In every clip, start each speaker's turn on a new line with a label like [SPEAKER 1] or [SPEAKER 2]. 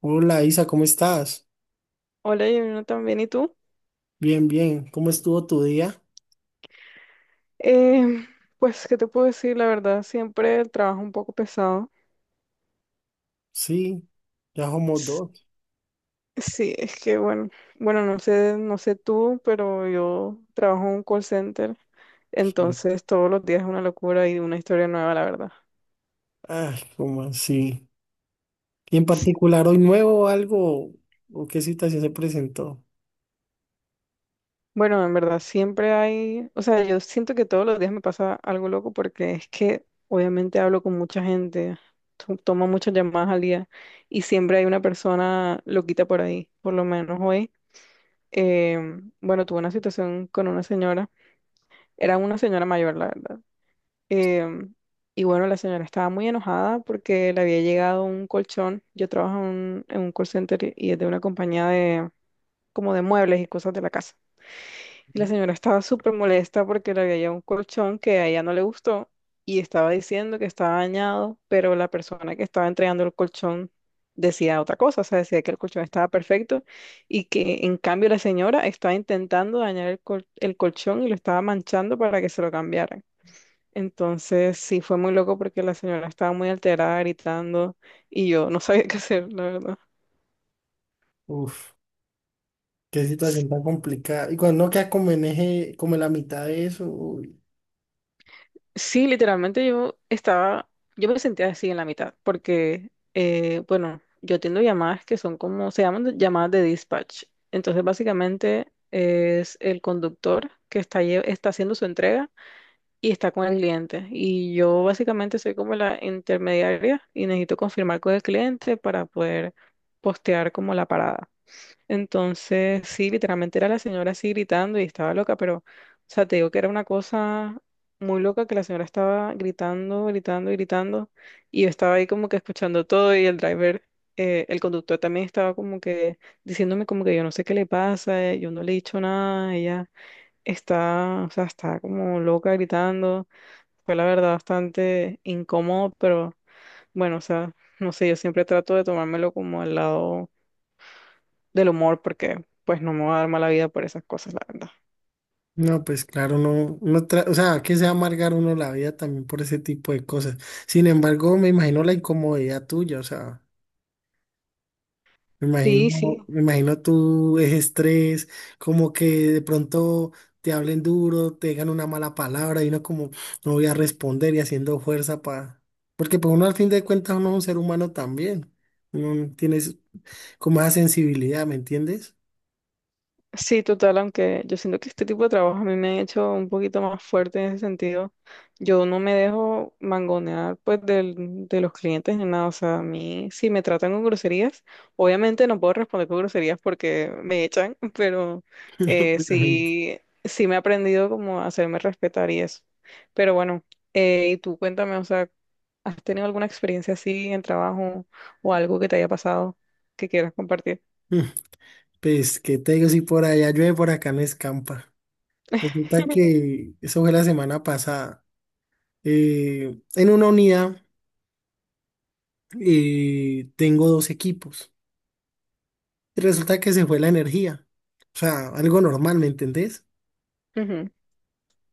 [SPEAKER 1] Hola Isa, ¿cómo estás?
[SPEAKER 2] Hola, Yamina, también. ¿Y tú?
[SPEAKER 1] Bien, bien. ¿Cómo estuvo tu día?
[SPEAKER 2] Em, pues, ¿qué te puedo decir? La verdad, siempre el trabajo un poco pesado.
[SPEAKER 1] Sí, ya somos
[SPEAKER 2] S-
[SPEAKER 1] dos.
[SPEAKER 2] Sí, es que bueno, no sé, no sé tú, pero yo trabajo en un call center,
[SPEAKER 1] Sí.
[SPEAKER 2] entonces todos los días es una locura y una historia nueva, la verdad.
[SPEAKER 1] Ay, ¿cómo así? ¿Y en particular hoy nuevo o algo? ¿O qué situación se presentó?
[SPEAKER 2] Bueno, en verdad, siempre hay, o sea, yo siento que todos los días me pasa algo loco porque es que obviamente hablo con mucha gente, tomo muchas llamadas al día y siempre hay una persona loquita por ahí, por lo menos hoy. Bueno, tuve una situación con una señora, era una señora mayor, la verdad. em, y bueno, la señora estaba muy enojada porque le había llegado un colchón. Yo trabajo en, un call center y es de una compañía de como de muebles y cosas de la casa. Y la
[SPEAKER 1] Ujú.
[SPEAKER 2] señora estaba súper molesta porque le había llevado un colchón que a ella no le gustó y estaba diciendo que estaba dañado, pero la persona que estaba entregando el colchón decía otra cosa, o sea, decía que el colchón estaba perfecto y que en cambio la señora estaba intentando dañar el, el colchón y lo estaba manchando para que se lo cambiaran. Entonces sí fue muy loco porque la señora estaba muy alterada, gritando y yo no sabía qué hacer, la verdad.
[SPEAKER 1] Uf, qué situación tan complicada. Y cuando uno queda como en eje, como en la mitad de eso. Uy.
[SPEAKER 2] Sí, literalmente yo estaba, yo me sentía así en la mitad, porque, bueno, yo atiendo llamadas que son como, se llaman llamadas de dispatch. Entonces, básicamente es el conductor que está, está haciendo su entrega y está con el cliente. Y yo básicamente soy como la intermediaria y necesito confirmar con el cliente para poder postear como la parada. Entonces, sí, literalmente era la señora así gritando y estaba loca, pero, o sea, te digo que era una cosa muy loca que la señora estaba gritando, gritando, gritando, y yo estaba ahí como que escuchando todo y el driver, el conductor también estaba como que diciéndome como que yo no sé qué le pasa, yo no le he dicho nada, ella está, o sea, está como loca gritando. Fue la verdad bastante incómodo, pero bueno, o sea, no sé, yo siempre trato de tomármelo como al lado del humor porque pues no me voy a dar mala vida por esas cosas, la verdad.
[SPEAKER 1] No, pues claro, no, no tra- o sea, que se va a amargar uno la vida también por ese tipo de cosas. Sin embargo, me imagino la incomodidad tuya, o sea.
[SPEAKER 2] Sí, sí.
[SPEAKER 1] Me imagino tú es estrés, como que de pronto te hablen duro, te digan una mala palabra y uno como no voy a responder y haciendo fuerza para... Porque pues uno al fin de cuentas uno es un ser humano también. Uno tiene es- Como esa sensibilidad, ¿me entiendes?
[SPEAKER 2] Sí, total, aunque yo siento que este tipo de trabajo a mí me ha hecho un poquito más fuerte en ese sentido. Yo no me dejo mangonear pues de los clientes ni nada. O sea, a mí si me tratan con groserías, obviamente no puedo responder con groserías porque me echan, pero
[SPEAKER 1] Obviamente.
[SPEAKER 2] sí, sí me he aprendido como a hacerme respetar y eso. Pero bueno, y tú cuéntame, o sea, ¿has tenido alguna experiencia así en trabajo o algo que te haya pasado que quieras compartir?
[SPEAKER 1] Mm, pues qué te digo, si por allá llueve, por acá no escampa. Resulta que eso fue la semana pasada. En una unidad tengo dos equipos. Y resulta que se fue la energía. O sea, algo normal, ¿me entendés?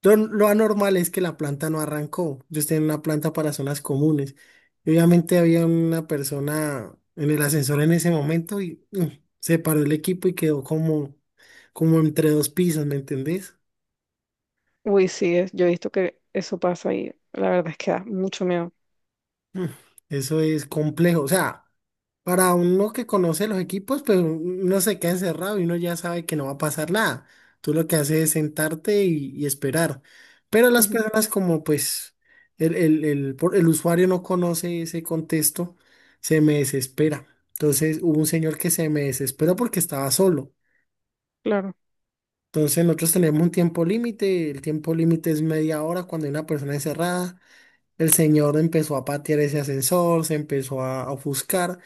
[SPEAKER 1] Lo anormal es que la planta no arrancó. Yo estoy en una planta para zonas comunes. Y obviamente había una persona en el ascensor en ese momento y se paró el equipo y quedó como, como entre dos pisos, ¿me entendés?
[SPEAKER 2] Uy, sí, es- yo he visto que eso pasa y la verdad es que da mucho miedo.
[SPEAKER 1] Mm, eso es complejo. O sea, para uno que conoce los equipos, pues uno se queda encerrado y uno ya sabe que no va a pasar nada. Tú lo que haces es sentarte y esperar. Pero las
[SPEAKER 2] Ujú,
[SPEAKER 1] personas como pues el usuario no conoce ese contexto, se me desespera. Entonces hubo un señor que se me desesperó porque estaba solo.
[SPEAKER 2] claro,
[SPEAKER 1] Entonces nosotros tenemos un tiempo límite, el tiempo límite es media hora cuando hay una persona encerrada. El señor empezó a patear ese ascensor, se empezó a ofuscar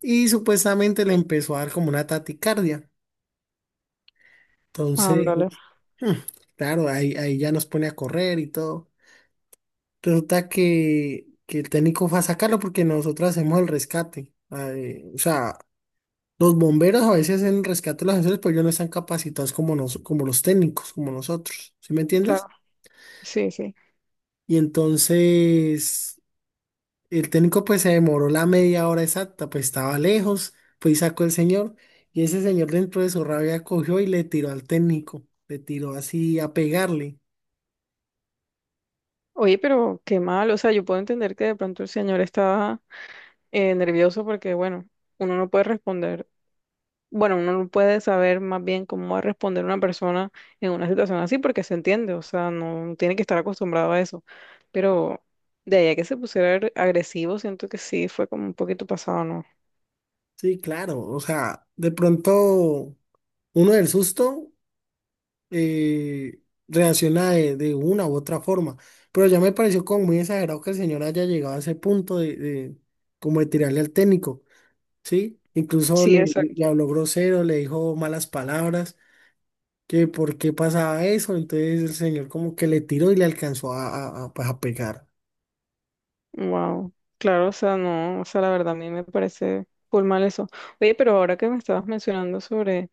[SPEAKER 1] y supuestamente le empezó a dar como una taticardia. Entonces,
[SPEAKER 2] ándale,
[SPEAKER 1] mm, claro, ahí ya nos pone a correr y todo. Resulta que el técnico fue a sacarlo porque nosotros hacemos el rescate. Ay, o sea, los bomberos a veces hacen el rescate de los ascensores, pero ellos no están capacitados como, como los técnicos, como nosotros. ¿Sí me
[SPEAKER 2] claro,
[SPEAKER 1] entiendes?
[SPEAKER 2] sí, sí.
[SPEAKER 1] Y entonces... El técnico pues se demoró la media hora exacta, pues estaba lejos, pues sacó el señor y ese señor dentro de su rabia cogió y le tiró al técnico, le tiró así a pegarle.
[SPEAKER 2] Oye, pero qué mal, o sea, yo puedo entender que de pronto el señor estaba nervioso porque, bueno, uno no puede responder, bueno, uno no puede saber más bien cómo va a responder una persona en una situación así porque se entiende, o sea, no tiene que estar acostumbrado a eso. Pero de ahí a que se pusiera agresivo, siento que sí, fue como un poquito pasado, ¿no?
[SPEAKER 1] Sí, claro, o sea, de pronto uno del susto eh, reacciona de una u otra forma, pero ya me pareció como muy exagerado que el señor haya llegado a ese punto de como de tirarle al técnico, ¿sí? Incluso
[SPEAKER 2] Sí,
[SPEAKER 1] le, le habló grosero, le dijo malas palabras. Que por qué pasaba eso, entonces el señor como que le tiró y le alcanzó a, pues, a pegar.
[SPEAKER 2] wow, claro, o sea, no, o sea, la verdad a mí me parece full mal eso. Oye, pero ahora que me estabas mencionando sobre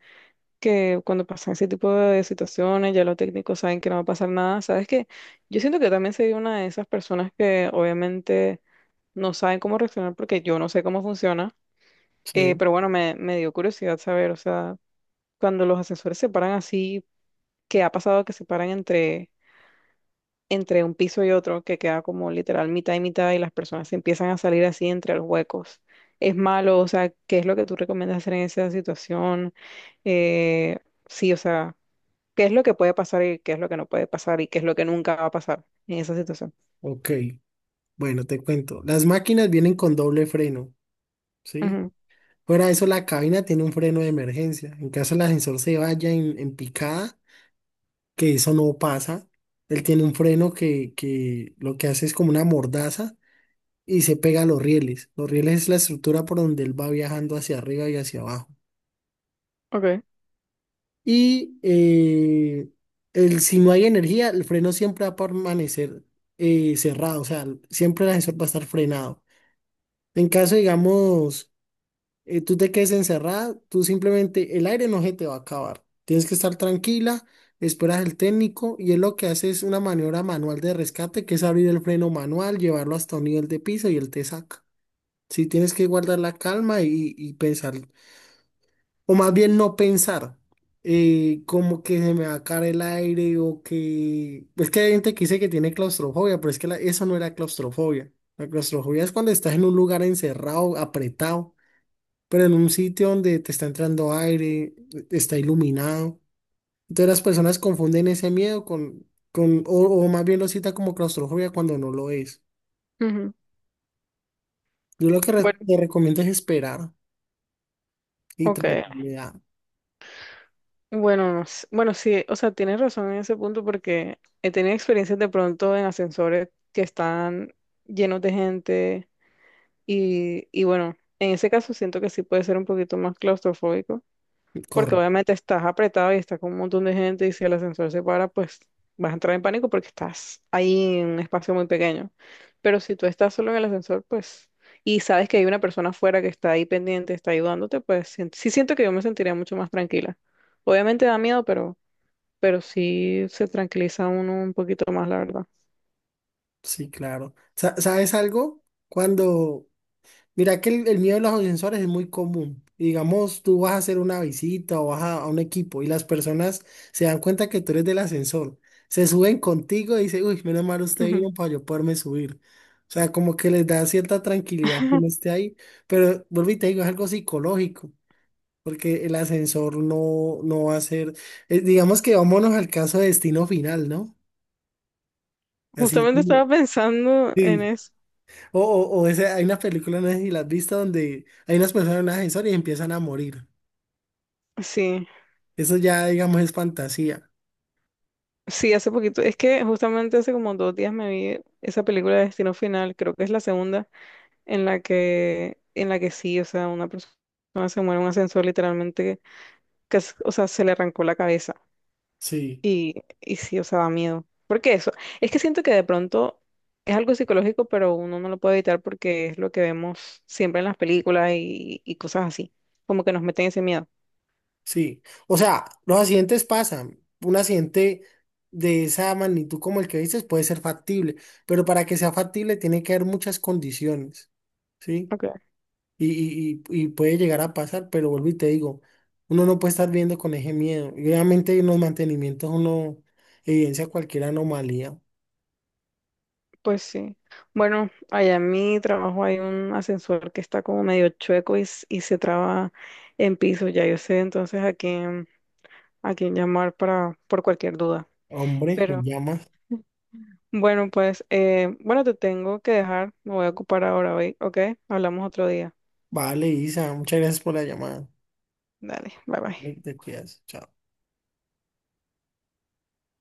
[SPEAKER 2] que cuando pasan ese tipo de situaciones, ya los técnicos saben que no va a pasar nada, ¿sabes qué? Yo siento que yo también soy una de esas personas que obviamente no saben cómo reaccionar porque yo no sé cómo funciona,
[SPEAKER 1] Sí.
[SPEAKER 2] pero bueno, me dio curiosidad saber, o sea, cuando los asesores se paran así, ¿qué ha pasado que se paran entre un piso y otro que queda como literal mitad y mitad y las personas se empiezan a salir así entre los huecos? ¿Es malo? O sea, ¿qué es lo que tú recomiendas hacer en esa situación? Eh, sí, o sea, ¿qué es lo que puede pasar y qué es lo que no puede pasar y qué es lo que nunca va a pasar en esa situación?
[SPEAKER 1] Ok, bueno, te cuento. Las máquinas vienen con doble freno, ¿sí?
[SPEAKER 2] Ujú,
[SPEAKER 1] Fuera de eso, la cabina tiene un freno de emergencia. En caso el ascensor se vaya en picada, que eso no pasa, él tiene un freno que lo que hace es como una mordaza y se pega a los rieles. Los rieles es la estructura por donde él va viajando hacia arriba y hacia abajo.
[SPEAKER 2] ok,
[SPEAKER 1] Y el, si no hay energía, el freno siempre va a permanecer cerrado, o sea, siempre el ascensor va a estar frenado. En caso, digamos, tú te quedes encerrada, tú simplemente, el aire no se te va a acabar. Tienes que estar tranquila, esperas al técnico y él lo que hace es una maniobra manual de rescate, que es abrir el freno manual, llevarlo hasta un nivel de piso y él te saca. Si tienes que guardar la calma y pensar o más bien no pensar, como que se me va a caer el aire o que... Es que hay gente que dice que tiene claustrofobia, pero es que eso no era claustrofobia. La claustrofobia es cuando estás en un lugar encerrado, apretado, pero en un sitio donde te está entrando aire, está iluminado. Entonces las personas confunden ese miedo con, con o, o más bien lo cita como claustrofobia cuando no lo es.
[SPEAKER 2] ujú.
[SPEAKER 1] Yo lo que
[SPEAKER 2] Bueno,
[SPEAKER 1] te recomiendo es esperar y
[SPEAKER 2] ok.
[SPEAKER 1] tranquilidad.
[SPEAKER 2] Bueno, no sé. Bueno, sí, o sea, tienes razón en ese punto porque he tenido experiencias de pronto en ascensores que están llenos de gente. Y bueno, en ese caso siento que sí puede ser un poquito más claustrofóbico, porque
[SPEAKER 1] Corre.
[SPEAKER 2] obviamente estás apretado y estás con un montón de gente y si el ascensor se para, pues vas a entrar en pánico porque estás ahí en un espacio muy pequeño. Pero si tú estás solo en el ascensor, pues, y sabes que hay una persona afuera que está ahí pendiente, está ayudándote, pues sí siento que yo me sentiría mucho más tranquila. Obviamente da miedo, pero sí se tranquiliza uno un poquito más, la verdad.
[SPEAKER 1] Sí, claro. ¿Sabes algo? Cuando, mira que el miedo de los ascensores es muy común. Digamos, tú vas a hacer una visita o vas a un equipo y las personas se dan cuenta que tú eres del ascensor. Se suben contigo y dicen, uy, menos mal usted
[SPEAKER 2] Ujú.
[SPEAKER 1] vino para yo poderme subir. O sea, como que les da cierta tranquilidad que uno esté ahí. Pero vuelvo y te digo, es algo psicológico, porque el ascensor no, no va a ser. Digamos que vámonos al caso de destino final, ¿no? Así
[SPEAKER 2] Justamente
[SPEAKER 1] como.
[SPEAKER 2] estaba pensando en
[SPEAKER 1] Sí.
[SPEAKER 2] eso.
[SPEAKER 1] O Ese, hay una película, no sé si la has visto, donde hay unas personas en un ascensor y empiezan a morir.
[SPEAKER 2] Sí.
[SPEAKER 1] Eso ya, digamos, es fantasía.
[SPEAKER 2] Sí, hace poquito, es que justamente hace como 2 días me vi esa película de Destino Final, creo que es la segunda, en la que sí, o sea, una persona se muere en un ascensor literalmente, que, es- o sea, se le arrancó la cabeza
[SPEAKER 1] Sí,
[SPEAKER 2] y, y sí, o sea, da miedo. Porque eso, es que siento que de pronto es algo psicológico, pero uno no lo puede evitar porque es lo que vemos siempre en las películas y cosas así, como que nos meten ese miedo.
[SPEAKER 1] sí. O sea, los accidentes pasan. Un accidente de esa magnitud como el que dices puede ser factible, pero para que sea factible tiene que haber muchas condiciones, ¿sí? Y puede llegar a pasar, pero vuelvo y te digo, uno no puede estar viendo con ese miedo. Y obviamente en los mantenimientos uno evidencia cualquier anomalía.
[SPEAKER 2] Pues sí. Bueno, allá en mi trabajo hay un ascensor que está como medio chueco y, y se traba en piso. Ya yo sé entonces a quién llamar para, por cualquier duda.
[SPEAKER 1] Hombre, me
[SPEAKER 2] Pero
[SPEAKER 1] llama.
[SPEAKER 2] bueno, pues bueno, te tengo que dejar. Me voy a ocupar ahora hoy, ¿ok? Hablamos otro día.
[SPEAKER 1] Vale, Isa, muchas gracias por la llamada.
[SPEAKER 2] Dale, bye bye.
[SPEAKER 1] Te cuidas. Chao.